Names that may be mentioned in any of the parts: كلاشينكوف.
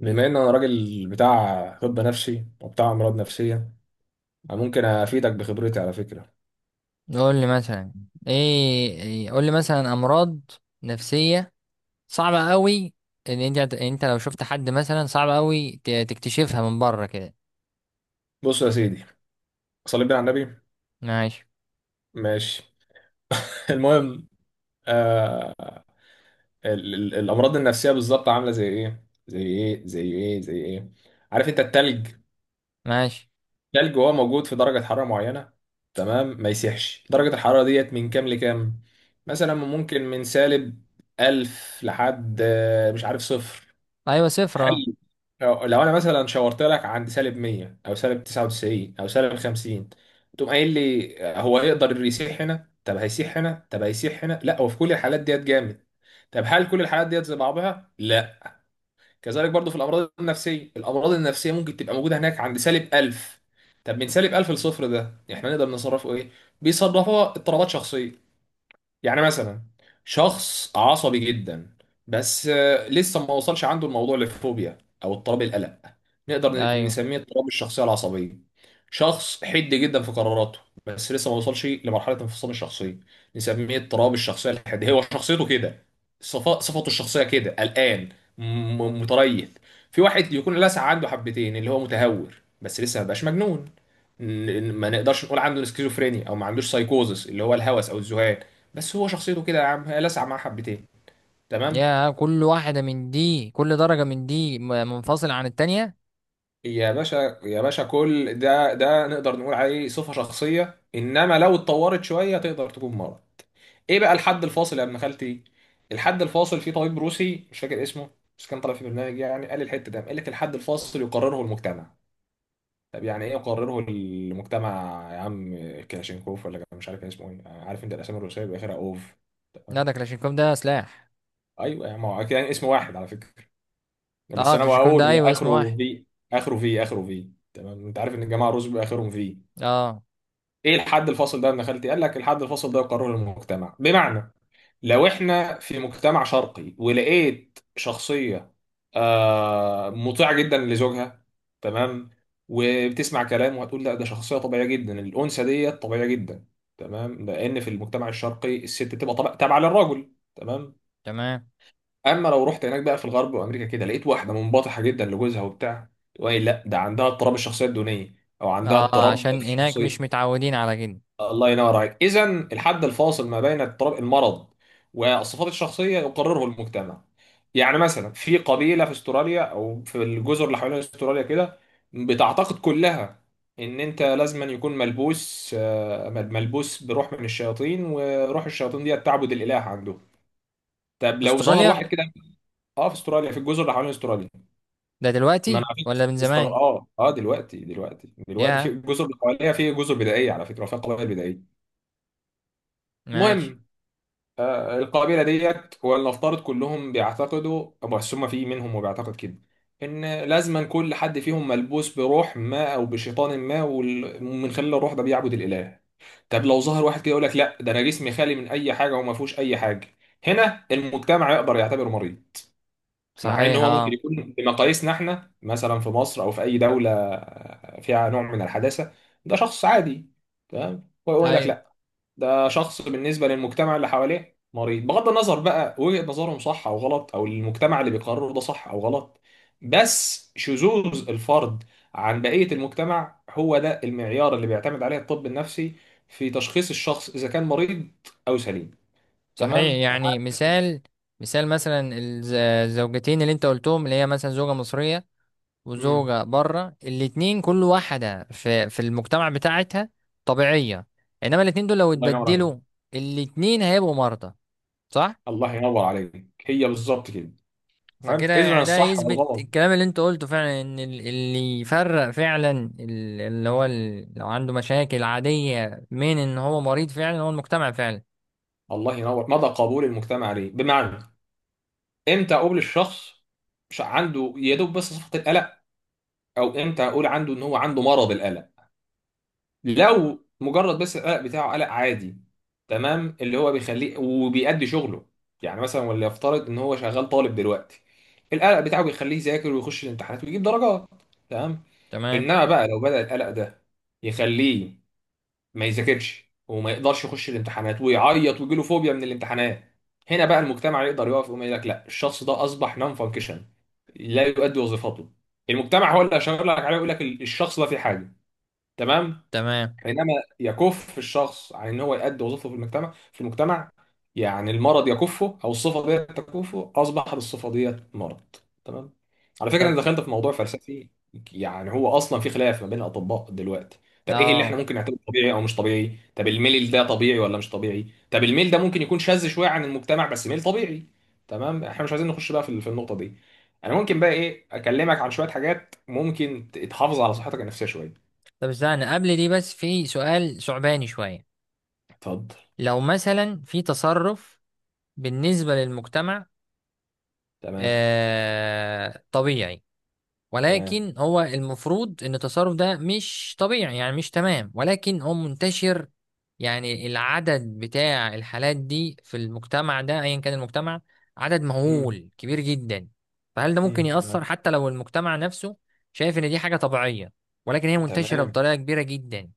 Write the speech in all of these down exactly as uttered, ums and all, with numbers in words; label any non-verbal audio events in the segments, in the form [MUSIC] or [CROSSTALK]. بما ان انا راجل بتاع طب نفسي وبتاع امراض نفسيه. أنا ممكن افيدك بخبرتي على فكره. قول لي مثلا، ايه إيه- قول لي مثلا امراض نفسية صعبة قوي. ان انت هت- انت لو شفت حد مثلا صعب قوي ت- تكتشفها من بره كده؟ بص يا سيدي، صلي بينا على النبي. ماشي. ماشي. [LAUGHS] المهم ال ال الامراض النفسيه بالظبط عامله زي ايه زي ايه زي ايه زي ايه؟ عارف انت التلج؟ ماشي. التلج وهو موجود في درجه حراره معينه، تمام ما يسيحش. درجه الحراره ديت من كام لكام؟ مثلا ممكن من سالب ألف لحد آه، مش عارف صفر. ايوه، صفر، اه. هل لو لو انا مثلا شاورت لك عند سالب مية او سالب تسعة وتسعين او سالب خمسين، تقوم قايل لي هو يقدر يسيح هنا؟ طب هيسيح هنا؟ طب هيسيح هنا؟ لا، هو في كل الحالات ديت جامد. طب هل كل الحالات ديت زي بعضها؟ لا. كذلك برضو في الامراض النفسيه. الامراض النفسيه ممكن تبقى موجوده هناك عند سالب ألف. طب من سالب ألف لصفر، ده احنا نقدر نصرفه ايه؟ بيصرفوها اضطرابات شخصيه. يعني مثلا شخص عصبي جدا، بس آه، لسه ما وصلش عنده الموضوع للفوبيا او اضطراب القلق، نقدر ن- ايوه، نسميه اضطراب الشخصيه العصبيه. شخص حد جدا في قراراته، بس لسه ما وصلش لمرحله انفصام الشخصيه، نسميه اضطراب الشخصيه الحاديه. هو شخصيته كده، صفا- صفته الشخصيه كده، قلقان، م- متريث. في واحد يكون لسع عنده حبتين اللي هو متهور، بس لسه ما بقاش مجنون. ن- ن- ما نقدرش نقول عنده سكيزوفرينيا او ما عندوش سايكوزس اللي هو الهوس او الذهان، بس هو شخصيته كده يا عم، هي لسع معاه حبتين. تمام. يا، كل واحدة من دي، كل درجة من دي م- منفصلة عن التانية. يا باشا، يا باشا، كل ده ده نقدر نقول عليه صفة شخصية، انما لو اتطورت شوية تقدر تكون مرض. ايه بقى الحد الفاصل يا ابن خالتي؟ الحد الفاصل في طبيب روسي مش فاكر اسمه، بس كان طالع في برنامج، يعني قال الحتة ده، قال لك الحد الفاصل يقرره المجتمع. طب يعني ايه يقرره المجتمع يا عم؟ كلاشينكوف ولا كان مش عارف كان اسمه ايه. عارف انت الاسامي الروسية بيبقى اخرها اوف؟ لا، تمام. ده كلاشينكوف، ده سلاح. ايوه يا عم، هو كان اسم واحد على فكرة، بس اه، انا كلاشينكوف، بقول ده هو ايوه، اسم واحد. اخره في. اخره في، اخره في. تمام. انت عارف ان الجماعه الرز بيبقى اخرهم في. اه، ايه الحد الفاصل ده يا ابن خالتي؟ قال لك الحد الفاصل ده قرار المجتمع. بمعنى لو احنا في مجتمع شرقي ولقيت شخصيه آه مطيعه جدا لزوجها، تمام، وبتسمع كلامه، هتقول لا ده شخصيه طبيعيه جدا، الانثى ديت طبيعيه جدا. تمام، لان في المجتمع الشرقي الست بتبقى طبع- تابعه للراجل. تمام. تمام. اما لو رحت هناك بقى في الغرب وامريكا كده، لقيت واحده منبطحه جدا لجوزها وبتاع، تقول لي لا ده عندها اضطراب الشخصيه الدونيه، او عندها اه، اضطراب عشان هناك مش الشخصيه. متعودين على كده. الله ينور عليك. اذا الحد الفاصل ما بين اضطراب المرض والصفات الشخصيه يقرره المجتمع. يعني مثلا في قبيله في استراليا او في الجزر اللي حوالين استراليا كده، بتعتقد كلها ان انت لازم أن يكون ملبوس آه، ملبوس بروح من الشياطين، وروح الشياطين دي تعبد الاله عنده. طب في لو ظهر استراليا؟ واحد كده. اه في استراليا، في الجزر اللي حوالين استراليا. ده ما دلوقتي انا على فكره ولا من استغ... زمان؟ اه اه دلوقتي دلوقتي دلوقتي في يا. الجزر اللي حواليها، في جزر بدائيه على فكره فيها قبائل بدائيه. ماشي. المهم، آه القبيله ديت، ولنفترض كلهم بيعتقدوا، بس هم في منهم وبيعتقد كده، ان لازما كل حد فيهم ملبوس بروح ما او بشيطان ما، وال- ومن خلال الروح ده بيعبد الاله. طب لو ظهر واحد كده يقول لك لا ده انا جسمي خالي من اي حاجه وما فيهوش اي حاجه، هنا المجتمع يقدر يعتبره مريض. مع ان صحيح، هو ممكن اه. يكون بمقاييسنا احنا، مثلا في مصر او في اي دوله فيها نوع من الحداثه، ده شخص عادي. تمام. هو يقول لك ايوه. لا، ده شخص بالنسبه للمجتمع اللي حواليه مريض، بغض النظر بقى وجهه نظرهم صح او غلط، او المجتمع اللي بيقرره ده صح او غلط، بس شذوذ الفرد عن بقيه المجتمع هو ده المعيار اللي بيعتمد عليه الطب النفسي في تشخيص الشخص اذا كان مريض او سليم. صحيح. تمام. أنا يعني عارف- مثال، مثال مثلا الز- الزوجتين اللي انت قلتهم، اللي هي مثلا زوجة مصرية مم. وزوجة بره، الاتنين كل واحدة في في المجتمع بتاعتها طبيعية. انما الاتنين دول لو الله ينور اتبدلوا، عليك. الاتنين هيبقوا مرضى، صح؟ الله ينور عليك، هي بالظبط كده. تمام. فكده اذا يعني ده الصح يثبت والغلط. الكلام اللي انت قلته فعلا، ان ال- اللي يفرق فعلا، ال- اللي هو ال- لو عنده مشاكل عادية من ان هو مريض فعلا، هو المجتمع فعلا. الله ينور. مدى قبول المجتمع ليه، بمعنى امتى اقول الشخص مش عنده يا دوب بس صفة القلق، او امتى اقول عنده ان هو عنده مرض القلق. لو مجرد بس القلق بتاعه قلق عادي، تمام، اللي هو بيخليه وبيأدي شغله، يعني مثلا وليفترض ان هو شغال طالب دلوقتي، القلق بتاعه بيخليه يذاكر ويخش الامتحانات ويجيب درجات. تمام. تمام. انما بقى لو بدأ القلق ده يخليه ما يذاكرش وما يقدرش يخش الامتحانات ويعيط ويجيله فوبيا من الامتحانات، هنا بقى المجتمع يقدر يقف ويقوم يقول لك لا، الشخص ده اصبح نون فانكشن، لا يؤدي وظيفته. المجتمع هو اللي هيشاور لك عليه ويقول لك الشخص ده في حاجه. تمام. تمام. حينما يكف الشخص عن ان هو يؤدي وظيفته في المجتمع في المجتمع، يعني المرض يكفه او الصفه ديت تكفه، اصبحت الصفه ديت مرض. تمام. على فكره انا طب، دخلت في موضوع فلسفي. يعني هو اصلا في خلاف ما بين الاطباء دلوقتي. طب ايه اللي احنا اه، ممكن نعتبره طبيعي او مش طبيعي؟ طب الميل ده طبيعي ولا مش طبيعي؟ طب الميل ده ممكن يكون شاذ شويه عن المجتمع بس ميل طبيعي. تمام. احنا مش عايزين نخش بقى في في النقطه دي. انا ممكن بقى ايه اكلمك عن شويه حاجات ممكن تحافظ على صحتك النفسيه شويه. طب استنى قبل دي بس، في سؤال صعباني شوية. اتفضل. لو مثلا في تصرف بالنسبة للمجتمع تمام. آه طبيعي، تمام. ولكن هو المفروض ان التصرف ده مش طبيعي، يعني مش تمام، ولكن هو منتشر. يعني العدد بتاع الحالات دي في المجتمع ده، ايا كان المجتمع، عدد مم. مهول كبير جدا. فهل ده ممكن مم. يأثر؟ تمام. حتى لو المجتمع نفسه شايف ان دي حاجة طبيعية ولكن هي منتشرة تمام. بطريقة كبيرة جدا.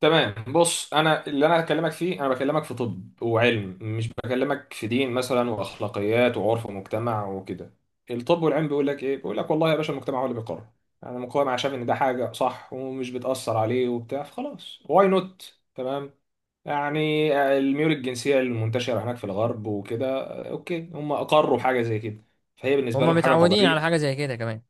تمام، بص، انا اللي انا هكلمك فيه، انا بكلمك في طب وعلم، مش بكلمك في دين مثلا واخلاقيات وعرف ومجتمع وكده. الطب والعلم بيقول لك ايه؟ بيقول لك والله يا باشا المجتمع هو اللي بيقرر. انا مجتمع شايف ان ده حاجه صح ومش بتاثر عليه وبتاع، فخلاص، واي نوت، تمام. يعني الميول الجنسيه المنتشره هناك في الغرب وكده، آه، اوكي، هم اقروا حاجه زي كده، فهي بالنسبه هما لهم حاجه متعودين على طبيعيه حاجة زي كده كمان.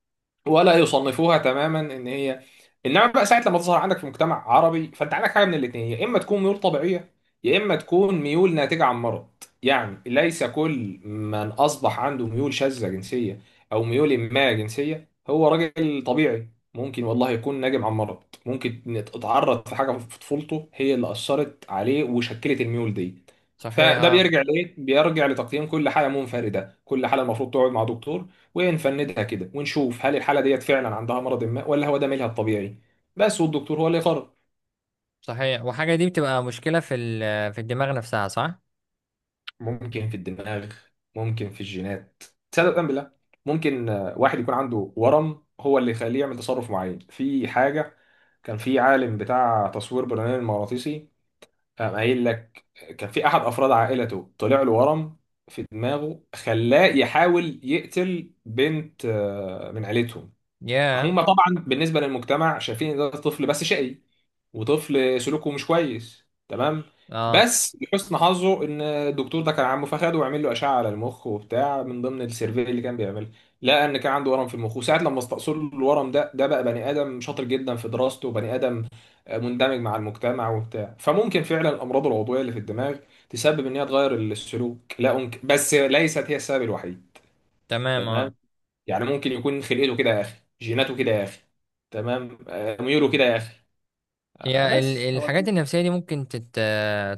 ولا يصنفوها تماما ان هي. انما بقى ساعه لما تظهر عندك في مجتمع عربي، فانت عندك حاجه من الاثنين، يا اما تكون ميول طبيعيه يا اما تكون ميول ناتجه عن مرض. يعني ليس كل من اصبح عنده ميول شاذه جنسيه او ميول ما جنسيه هو راجل طبيعي، ممكن والله يكون ناجم عن مرض، ممكن إن اتعرض في حاجه في طفولته هي اللي اثرت عليه وشكلت الميول دي. صحيح، فده اه. بيرجع لايه؟ بيرجع لتقييم كل حاله منفرده، كل حاله المفروض تقعد مع دكتور ونفندها كده ونشوف هل الحاله ديت فعلا عندها مرض ما ولا هو ده ميلها الطبيعي، بس والدكتور هو اللي يقرر. صحيح. وحاجة دي بتبقى مشكلة في ال- في الدماغ نفسها، صح؟ ممكن في الدماغ، ممكن في الجينات. تصدق أم بالله ممكن آه، واحد يكون عنده ورم هو اللي يخليه يعمل تصرف معين في حاجه. كان في عالم بتاع تصوير برنامج مغناطيسي قام قايل لك كان في احد افراد عائلته طلع له ورم في دماغه خلاه يحاول يقتل بنت آه، من عيلتهم. يا. هما طبعا بالنسبه للمجتمع شايفين ان ده طفل بس شقي وطفل سلوكه مش كويس، تمام. اه. بس لحسن حظه ان الدكتور ده كان عمه، فخده وعمل له اشعه على المخ وبتاع من ضمن السيرفي اللي كان بيعملها، لقى ان كان عنده ورم في المخ، وساعه لما استأصل له الورم ده ده بقى بني ادم شاطر جدا في دراسته وبني ادم مندمج مع المجتمع وبتاع. فممكن فعلا الامراض العضويه اللي في الدماغ تسبب ان هي تغير السلوك، لا أنك... بس ليست هي السبب الوحيد. تمام. اه، تمام. يعني ممكن يكون خلقته كده يا اخي، جيناته كده يا اخي، تمام، آه، ميوله كده يا اخي، آه، هي بس ال- هو. الحاجات النفسية دي ممكن تت...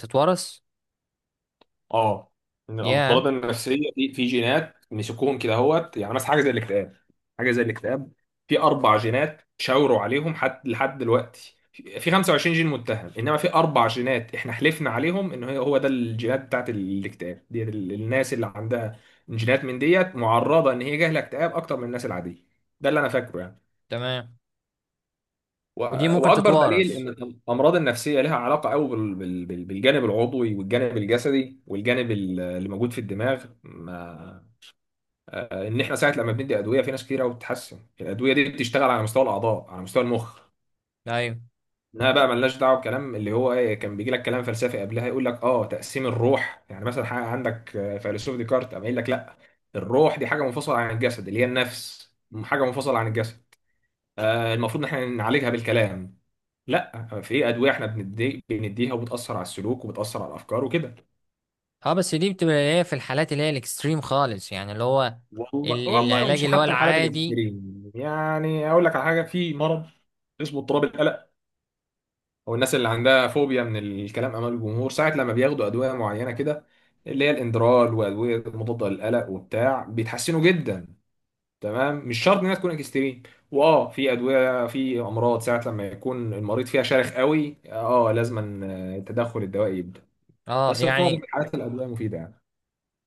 تتورث اه، ان يا. الامراض النفسيه في في جينات مسكوهم كده اهوت، يعني مثلا حاجه زي الاكتئاب. حاجه زي الاكتئاب في اربع جينات شاوروا عليهم حد لحد دلوقتي، في في خمسة وعشرين جين متهم، انما في اربع جينات احنا حلفنا عليهم ان هي هو ده الجينات بتاعت الاكتئاب دي. ال- الناس اللي عندها جينات من ديت معرضه ان هي جاهله اكتئاب اكتر من الناس العاديه. ده اللي انا فاكره يعني. تمام. و- ودي ممكن واكبر دليل تتورث؟ ان الامراض النفسيه لها علاقه قوي بال- بال- بال- بالجانب العضوي والجانب الجسدي والجانب ال- اللي موجود في الدماغ ما، آه، ان احنا ساعه لما بندي ادويه في ناس كتير قوي بتتحسن. الادويه دي بتشتغل على مستوى الاعضاء، على مستوى المخ. ايوه، انها بقى ملناش دعوه بكلام اللي هو ايه، كان بيجي لك كلام فلسفي قبلها يقول لك اه تقسيم الروح، يعني مثلا حاجه عندك آه، فيلسوف ديكارت قام قايل لك لا، الروح دي حاجه منفصله عن الجسد اللي هي النفس، حاجه منفصله عن الجسد، آه، المفروض ان احنا نعالجها بالكلام. لا، في ادويه احنا بندي بنديها وبتاثر على السلوك وبتاثر على الافكار وكده. اه. بس دي بتبقى اللي هي في الحالات اللي هي الاكستريم خالص، يعني اللي هو والله ال- والله العلاج ومش اللي هو حتى الحالات العادي. الاكستريم، يعني اقول لك على حاجه، في مرض اسمه اضطراب القلق او الناس اللي عندها فوبيا من الكلام امام الجمهور، ساعه لما بياخدوا ادويه معينه كده اللي هي الاندرال وادويه مضاده للقلق وبتاع، بيتحسنوا جدا. تمام، مش شرط انها تكون اكستريم. واه، في ادويه، في امراض ساعه لما يكون المريض فيها شارخ قوي اه لازما التدخل الدوائي يبدا، اه. بس في معظم يعني الحالات الادويه مفيده يعني.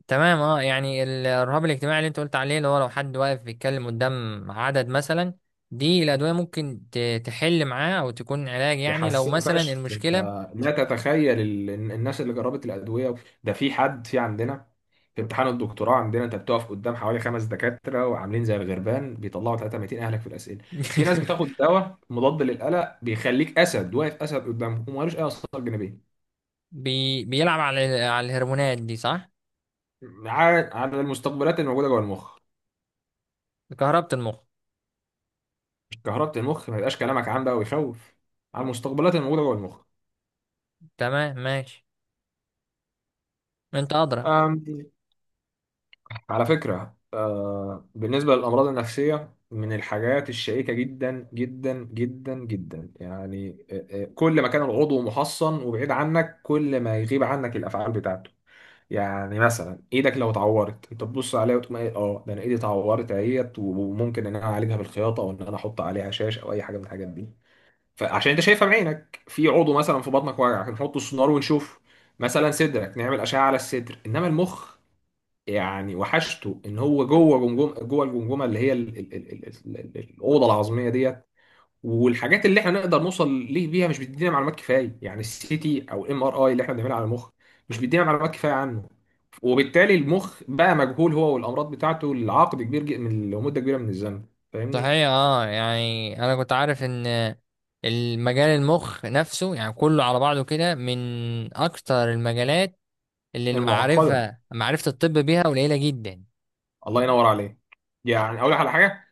تمام. اه، يعني ال- الرهاب الاجتماعي اللي انت قلت عليه، اللي هو لو حد واقف بيتكلم قدام عدد مثلا، دي الادويه ممكن ت- تحل معاه او تكون علاج؟ يعني لو بيحسنوا مثلا فشخ انت، المشكله، لا تتخيل ال- الناس اللي جربت الادويه. ده في حد في عندنا في امتحان الدكتوراه عندنا، انت بتقف قدام حوالي خمس دكاتره وعاملين زي الغربان بيطلعوا تلتمية اهلك في الاسئله. في ناس [LAUGHS] بتاخد دواء مضاد للقلق بيخليك اسد واقف اسد قدامهم، ومالوش اي اثار جانبيه. بي بيلعب على ال- على الهرمونات دي، صح؟ على على المستقبلات الموجوده جوه المخ. كهربة المخ. كهربة المخ، ما يبقاش كلامك عام بقى ويخوف، على المستقبلات الموجوده جوه تمام. ماشي. انت ادرى. المخ. على فكرة آه، بالنسبة للأمراض النفسية من الحاجات الشائكة جدا جدا جدا جدا، يعني آه، آه، كل ما كان العضو محصن وبعيد عنك كل ما يغيب عنك الأفعال بتاعته. يعني مثلا ايدك لو اتعورت انت تبص عليها وتقول ايه، اه ده انا ايدي اتعورت اهيت، وممكن ان انا اعالجها بالخياطه او ان انا احط عليها شاش او اي حاجه من الحاجات دي، فعشان انت شايفها بعينك. في عضو مثلا في بطنك واجعك، نحط السونار ونشوف. مثلا صدرك، نعمل اشعه على الصدر. انما المخ، يعني وحشته ان هو جوه جمجم جوه الجمجمه اللي هي ال ال ال ال ال ال- الاوضه العظميه ديت، والحاجات اللي احنا نقدر نوصل ليه بيها مش بتدينا معلومات كفايه. يعني السي تي او الام ار اي اللي احنا بنعملها على المخ مش بيدينا معلومات كفايه عنه. وبالتالي المخ بقى مجهول هو والامراض بتاعته لعقد كبير جدا من لمده كبيره من الزمن. فاهمني؟ صحيح، اه. يعني انا كنت عارف ان المجال، المخ نفسه يعني كله على بعضه كده، من اكتر المجالات اللي المعقده. المعرفه، معرفه الطب بيها قليله جدا. الله ينور عليك. يعني اقول لك على حاجه،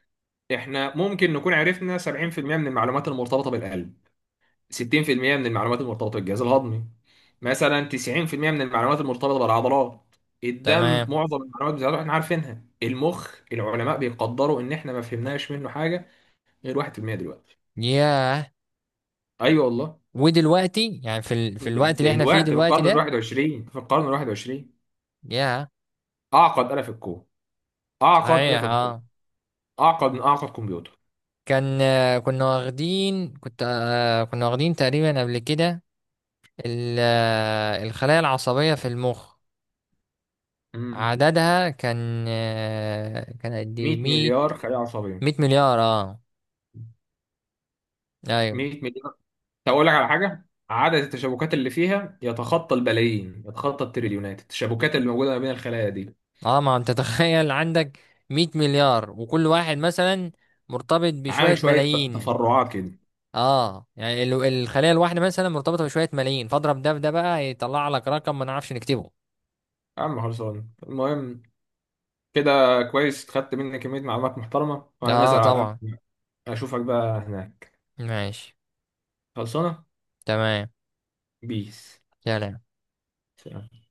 احنا ممكن نكون عرفنا سبعين في المية من المعلومات المرتبطه بالقلب، ستين في المية من المعلومات المرتبطة بالجهاز الهضمي، مثلا تسعين في المية من المعلومات المرتبطة بالعضلات، الدم تمام. معظم المعلومات بتاعته احنا عارفينها. المخ، العلماء بيقدروا ان احنا ما فهمناش منه حاجة غير واحد في المية دلوقتي. ياه. ايوه والله. ودلوقتي يعني في ال... في د- الوقت اللي احنا فيه دلوقتي في دلوقتي القرن ال ده، الواحد والعشرين، في القرن ال الواحد والعشرين، يا، اعقد آلة في الكون، اعقد آلة صحيح، في الكون، اه. اعقد من اعقد كمبيوتر. كان آه، كنا واخدين كنت آه، كنا واخدين تقريبا قبل كده ال... آه، الخلايا العصبية في المخ مم. عددها كان آه، كان قد ايه، مية مية؟ مليار خلية عصبية. مية مليار. اه. ايوه. مية مليار. هقول لك على حاجة، عدد التشابكات اللي فيها يتخطى البلايين، يتخطى التريليونات، التشابكات اللي موجودة ما بين الخلايا دي. اه، ما انت، [LAUGHS] تخيل عندك مائة مليار وكل واحد مثلا مرتبط عامل بشوية شوية ت- ملايين. تفرعات كده. اه، يعني ال- الخلية الواحدة مثلا مرتبطة بشوية ملايين، فاضرب ده بده بقى يطلع لك رقم ما نعرفش نكتبه. يا عم خلصان. المهم كده كويس، خدت مني كمية معلومات محترمة وأنا اه، نازل على طبعا. القهوة. أشوفك بقى هناك. ماشي. خلصانة. تمام. بيس. سلام. سلام.